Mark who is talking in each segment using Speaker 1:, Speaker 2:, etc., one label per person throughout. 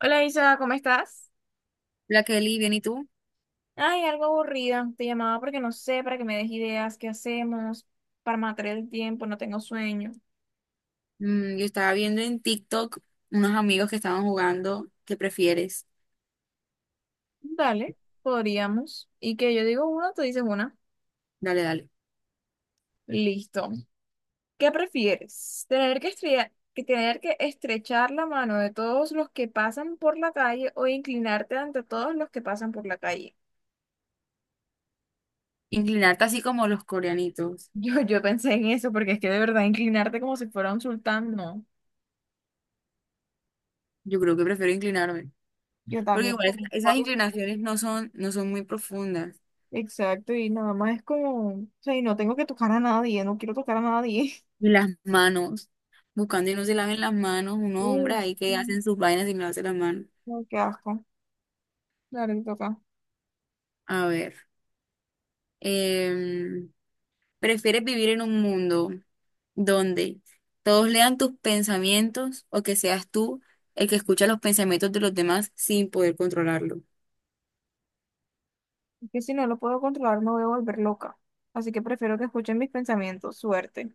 Speaker 1: Hola Isa, ¿cómo estás?
Speaker 2: La Kelly, bien, ¿y tú?
Speaker 1: Ay, algo aburrida. Te llamaba porque no sé, para que me des ideas, qué hacemos para matar el tiempo, no tengo sueño.
Speaker 2: Yo estaba viendo en TikTok unos amigos que estaban jugando. ¿Qué prefieres?
Speaker 1: Dale, podríamos. Y que yo digo una, tú dices una.
Speaker 2: Dale, dale.
Speaker 1: Listo. ¿Qué prefieres? ¿Tener que estrechar la mano de todos los que pasan por la calle o inclinarte ante todos los que pasan por la calle?
Speaker 2: Inclinarte así como los coreanitos.
Speaker 1: Yo pensé en eso porque es que de verdad inclinarte como si fuera un sultán, no.
Speaker 2: Yo creo que prefiero inclinarme.
Speaker 1: Yo
Speaker 2: Porque
Speaker 1: también,
Speaker 2: igual
Speaker 1: como un
Speaker 2: esas
Speaker 1: pobre.
Speaker 2: inclinaciones no son muy profundas.
Speaker 1: Exacto, y nada más es como, o sea, y no tengo que tocar a nadie, no quiero tocar a nadie.
Speaker 2: Y las manos. Buscando y no se laven las manos. Unos
Speaker 1: Uy,
Speaker 2: hombres ahí que
Speaker 1: no,
Speaker 2: hacen sus vainas y no hacen las manos.
Speaker 1: no, qué asco. Claro, que toca.
Speaker 2: A ver. em, ¿Prefieres vivir en un mundo donde todos lean tus pensamientos o que seas tú el que escucha los pensamientos de los demás sin poder controlarlo?
Speaker 1: Es que si no lo puedo controlar, me voy a volver loca. Así que prefiero que escuchen mis pensamientos, suerte.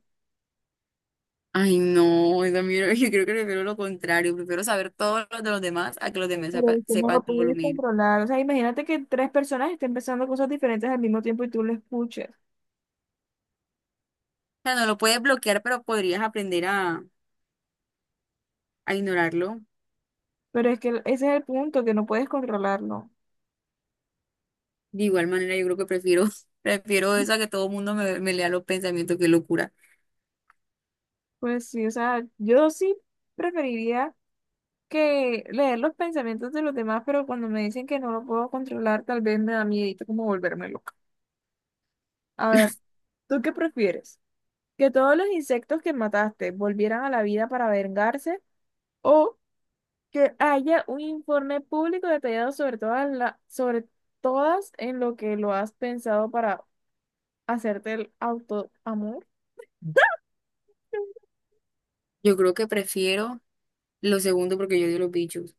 Speaker 2: Ay, no, esa mierda, yo creo que prefiero lo contrario, prefiero saber todo lo de los demás a que los demás
Speaker 1: Pero es que no
Speaker 2: sepan
Speaker 1: lo
Speaker 2: todo lo
Speaker 1: puedes
Speaker 2: mío.
Speaker 1: controlar. O sea, imagínate que tres personas estén pensando cosas diferentes al mismo tiempo y tú lo escuches.
Speaker 2: O sea, no lo puedes bloquear, pero podrías aprender a ignorarlo.
Speaker 1: Pero es que ese es el punto, que no puedes controlarlo.
Speaker 2: De igual manera, yo creo que prefiero, prefiero eso a que todo el mundo me lea los pensamientos, qué locura.
Speaker 1: Pues sí, o sea, yo sí preferiría que leer los pensamientos de los demás, pero cuando me dicen que no lo puedo controlar, tal vez me da miedito como volverme loca. A ver, ¿tú qué prefieres? ¿Que todos los insectos que mataste volvieran a la vida para vengarse? ¿O que haya un informe público detallado sobre todas en lo que lo has pensado para hacerte el autoamor?
Speaker 2: Yo creo que prefiero lo segundo porque yo odio los bichos.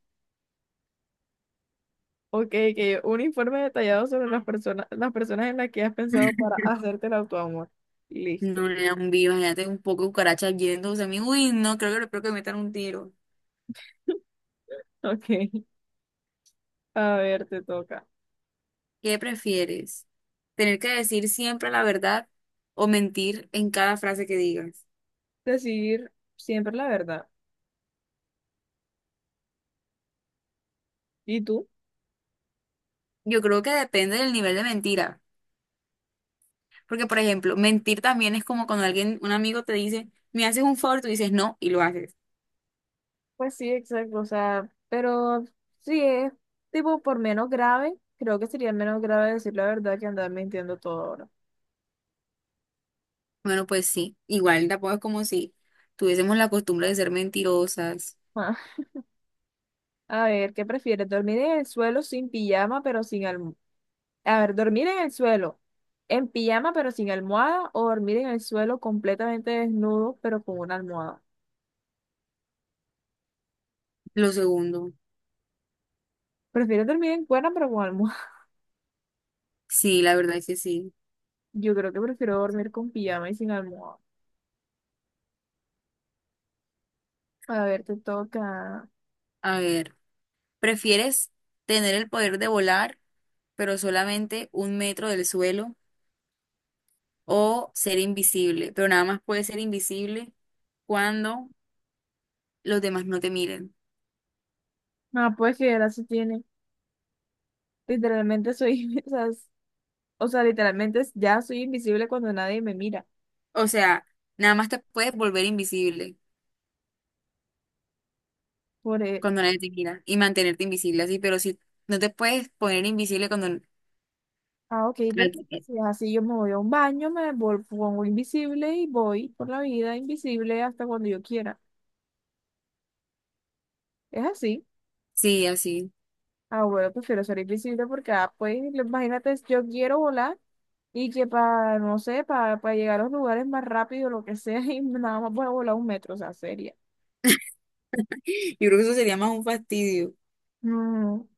Speaker 1: Ok, que un informe detallado sobre las personas en las que has pensado para hacerte el autoamor. Listo.
Speaker 2: No le dan viva, imagínate un poco de cucarachas yéndose a mí. Uy, no, creo que me metan un tiro.
Speaker 1: Ok. A ver, te toca
Speaker 2: ¿Qué prefieres? ¿Tener que decir siempre la verdad o mentir en cada frase que digas?
Speaker 1: decir siempre la verdad. ¿Y tú?
Speaker 2: Yo creo que depende del nivel de mentira. Porque, por ejemplo, mentir también es como cuando alguien, un amigo te dice, me haces un favor, tú dices no y lo haces.
Speaker 1: Pues sí, exacto, o sea, pero sí es tipo por menos grave, creo que sería menos grave decir la verdad que andar mintiendo todo ahora.
Speaker 2: Bueno, pues sí, igual tampoco es como si tuviésemos la costumbre de ser mentirosas.
Speaker 1: Ah, a ver, ¿qué prefieres? ¿Dormir en el suelo sin pijama pero sin almohada? A ver, ¿dormir en el suelo en pijama pero sin almohada o dormir en el suelo completamente desnudo pero con una almohada?
Speaker 2: Lo segundo,
Speaker 1: ¿Prefieres dormir en cuerda pero con almohada?
Speaker 2: sí, la verdad es que sí.
Speaker 1: Yo creo que prefiero dormir con pijama y sin almohada. A ver, te toca.
Speaker 2: A ver, ¿prefieres tener el poder de volar, pero solamente un metro del suelo, o ser invisible, pero nada más puedes ser invisible cuando los demás no te miren?
Speaker 1: Ah, pues que ya se tiene. Literalmente soy, o sea, o sea, literalmente ya soy invisible cuando nadie me mira.
Speaker 2: O sea, nada más te puedes volver invisible
Speaker 1: Por, e-
Speaker 2: cuando nadie te mira y mantenerte invisible así, pero si no te puedes poner invisible cuando...
Speaker 1: ah, ok, perfecto. Si es así, yo me voy a un baño, me pongo invisible y voy por la vida invisible hasta cuando yo quiera. Es así.
Speaker 2: Sí, así.
Speaker 1: Ah, bueno, prefiero ser invisible porque, ah, pues, imagínate, yo quiero volar y que para, no sé, para llegar a los lugares más rápido, lo que sea, y nada más voy a volar un metro, o sea, seria.
Speaker 2: Yo creo que eso sería más un fastidio.
Speaker 1: No.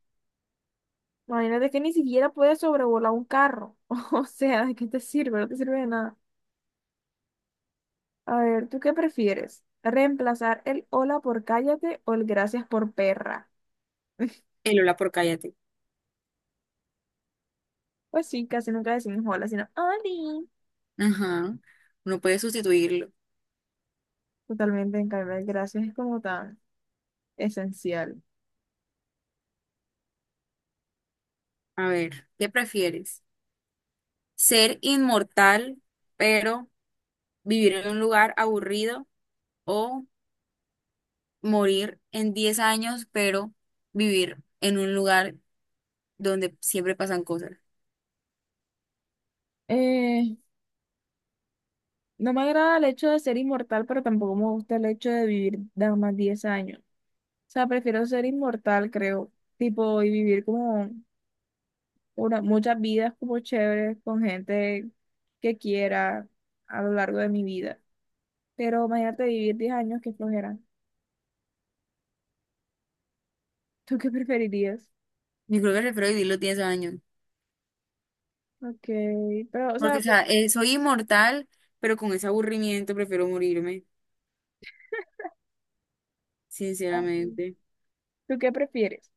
Speaker 1: Imagínate que ni siquiera puedes sobrevolar un carro. O sea, ¿de qué te sirve? No te sirve de nada. A ver, ¿tú qué prefieres? ¿Reemplazar el hola por cállate o el gracias por perra?
Speaker 2: El hola por cállate.
Speaker 1: Pues sí, casi nunca decimos hola, sino oli.
Speaker 2: Ajá. No puedes sustituirlo.
Speaker 1: Totalmente, en cambio, el gracias es como tan esencial.
Speaker 2: A ver, ¿qué prefieres? ¿Ser inmortal, pero vivir en un lugar aburrido, o morir en 10 años, pero vivir en un lugar donde siempre pasan cosas?
Speaker 1: Eh, no me agrada el hecho de ser inmortal, pero tampoco me gusta el hecho de vivir nada más 10 años. O sea, prefiero ser inmortal, creo. Tipo, y vivir como muchas vidas como chéveres con gente que quiera a lo largo de mi vida. Pero imagínate vivir 10 años, que flojera. ¿Tú qué preferirías?
Speaker 2: Yo creo que prefiero vivir los 10 años,
Speaker 1: Ok, pero, o
Speaker 2: porque,
Speaker 1: sea,
Speaker 2: o
Speaker 1: pues,
Speaker 2: sea, soy inmortal, pero con ese aburrimiento prefiero morirme,
Speaker 1: ah, sí.
Speaker 2: sinceramente.
Speaker 1: ¿Tú qué prefieres?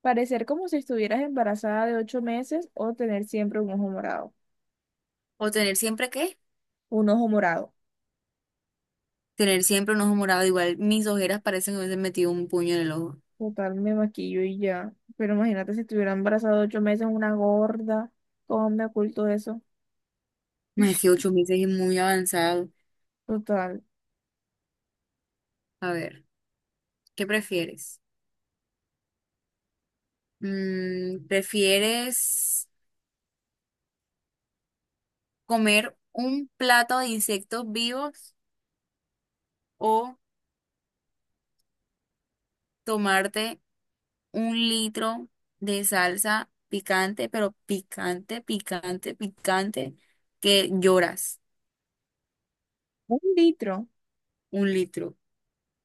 Speaker 1: ¿Parecer como si estuvieras embarazada de 8 meses o tener siempre un ojo morado?
Speaker 2: ¿O tener siempre, qué?
Speaker 1: Un ojo morado.
Speaker 2: Tener siempre un ojo morado, igual mis ojeras parecen que me hubiesen metido un puño en el ojo.
Speaker 1: Total, me maquillo y ya. Pero imagínate si estuviera embarazada de 8 meses, una gorda. ¿Cómo me oculto eso?
Speaker 2: No, es que 8 meses es muy avanzado.
Speaker 1: Total.
Speaker 2: A ver, ¿qué prefieres? ¿Prefieres comer un plato de insectos vivos o tomarte un litro de salsa picante, pero picante, picante, picante, que lloras?
Speaker 1: Un litro.
Speaker 2: Un litro.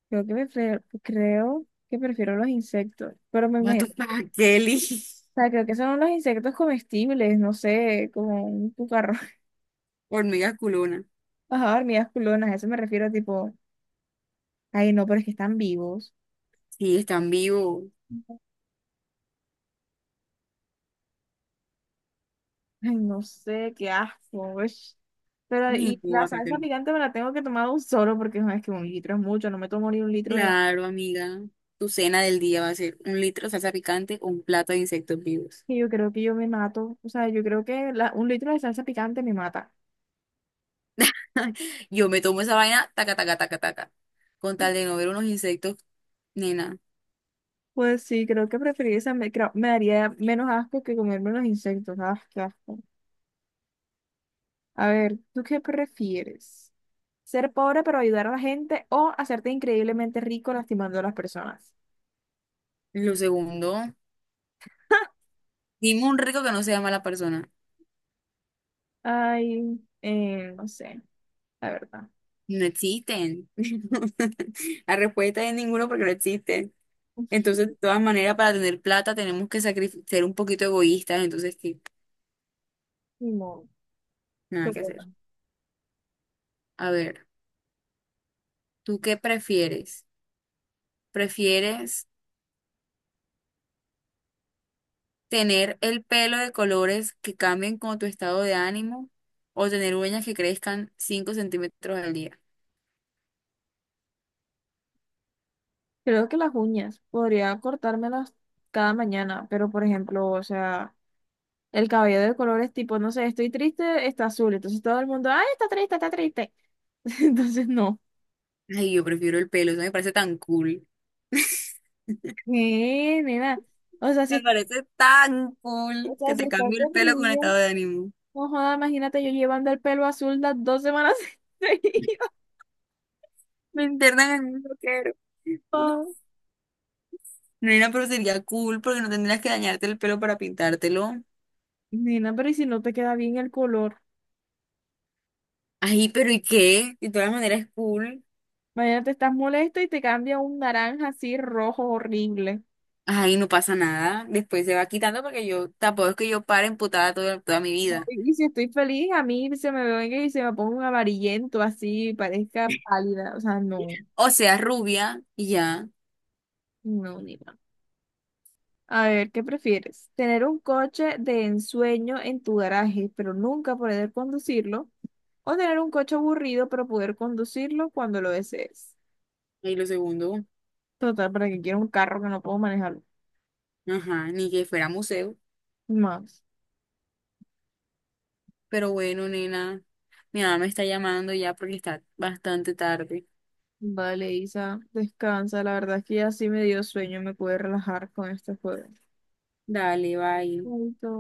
Speaker 1: Creo que, prefiero los insectos, pero me
Speaker 2: Mato
Speaker 1: imagino.
Speaker 2: para Kelly.
Speaker 1: O sea, creo que son los insectos comestibles, no sé, como un cucarro.
Speaker 2: Hormiga culona.
Speaker 1: Ajá, hormigas culonas, a eso me refiero, tipo, ay, no, pero es que están vivos.
Speaker 2: Sí, están vivos.
Speaker 1: Ay, no sé, qué asco. Ush. Pero,
Speaker 2: Ay,
Speaker 1: y
Speaker 2: no,
Speaker 1: la salsa
Speaker 2: guácatelo.
Speaker 1: picante me la tengo que tomar un solo, porque no, es que un litro es mucho, no me tomo ni un litro de.
Speaker 2: Claro, amiga. Tu cena del día va a ser un litro de salsa picante o un plato de insectos vivos.
Speaker 1: Y yo creo que yo me mato, o sea, yo creo que un litro de salsa picante me mata.
Speaker 2: Yo me tomo esa vaina, taca, taca, taca, taca. Con tal de no ver unos insectos, nena.
Speaker 1: Pues sí, creo que preferiría esa, me, me daría menos asco que comerme los insectos, ah, qué asco. A ver, ¿tú qué prefieres? ¿Ser pobre pero ayudar a la gente o hacerte increíblemente rico lastimando a las personas?
Speaker 2: Lo segundo, dime un rico que no sea mala persona.
Speaker 1: Ay, no sé, la verdad.
Speaker 2: No existen. La respuesta es ninguno porque no existen. Entonces, de todas maneras, para tener plata tenemos que sacrificar, ser un poquito egoístas, entonces qué,
Speaker 1: Ni modo. Te
Speaker 2: nada que
Speaker 1: toca.
Speaker 2: hacer. A ver, ¿tú qué prefieres? ¿Prefieres tener el pelo de colores que cambien con tu estado de ánimo o tener uñas que crezcan 5 centímetros al día?
Speaker 1: Creo que las uñas podría cortármelas cada mañana, pero por ejemplo, o sea, el cabello de colores tipo, no sé, estoy triste, está azul, entonces todo el mundo, ay, está triste, está triste. Entonces no.
Speaker 2: Ay, yo prefiero el pelo, eso me parece tan cool.
Speaker 1: ¿Qué, nena? O sea,
Speaker 2: Me
Speaker 1: si,
Speaker 2: parece tan
Speaker 1: o
Speaker 2: cool que
Speaker 1: sea, si
Speaker 2: te
Speaker 1: estás
Speaker 2: cambie el pelo con
Speaker 1: deprimida,
Speaker 2: estado de ánimo.
Speaker 1: no joda, imagínate yo llevando el pelo azul las 2 semanas seguidas.
Speaker 2: Me internan en un loquero. Nena, pero sería cool porque no tendrías que dañarte el pelo para pintártelo.
Speaker 1: Nena, pero ¿y si no te queda bien el color?
Speaker 2: Ay, ¿pero y qué? De todas maneras es cool.
Speaker 1: Imagínate, estás molesta y te cambia un naranja así rojo horrible.
Speaker 2: Ay, no pasa nada. Después se va quitando porque yo tampoco es que yo pare emputada toda, toda mi
Speaker 1: No,
Speaker 2: vida.
Speaker 1: y si estoy feliz, a mí se me venga y se me ponga un amarillento así, parezca pálida. O sea, no,
Speaker 2: O sea, rubia y ya.
Speaker 1: no, nena. A ver, ¿qué prefieres? ¿Tener un coche de ensueño en tu garaje, pero nunca poder conducirlo? ¿O tener un coche aburrido, pero poder conducirlo cuando lo desees?
Speaker 2: Y lo segundo,
Speaker 1: Total, para que quiera un carro que no puedo manejarlo.
Speaker 2: ajá, ni que fuera museo.
Speaker 1: Más.
Speaker 2: Pero bueno, nena, mi mamá me está llamando ya porque está bastante tarde.
Speaker 1: Vale, Isa, descansa. La verdad es que ya sí me dio sueño, me pude relajar con este juego.
Speaker 2: Dale, bye.
Speaker 1: Chaito.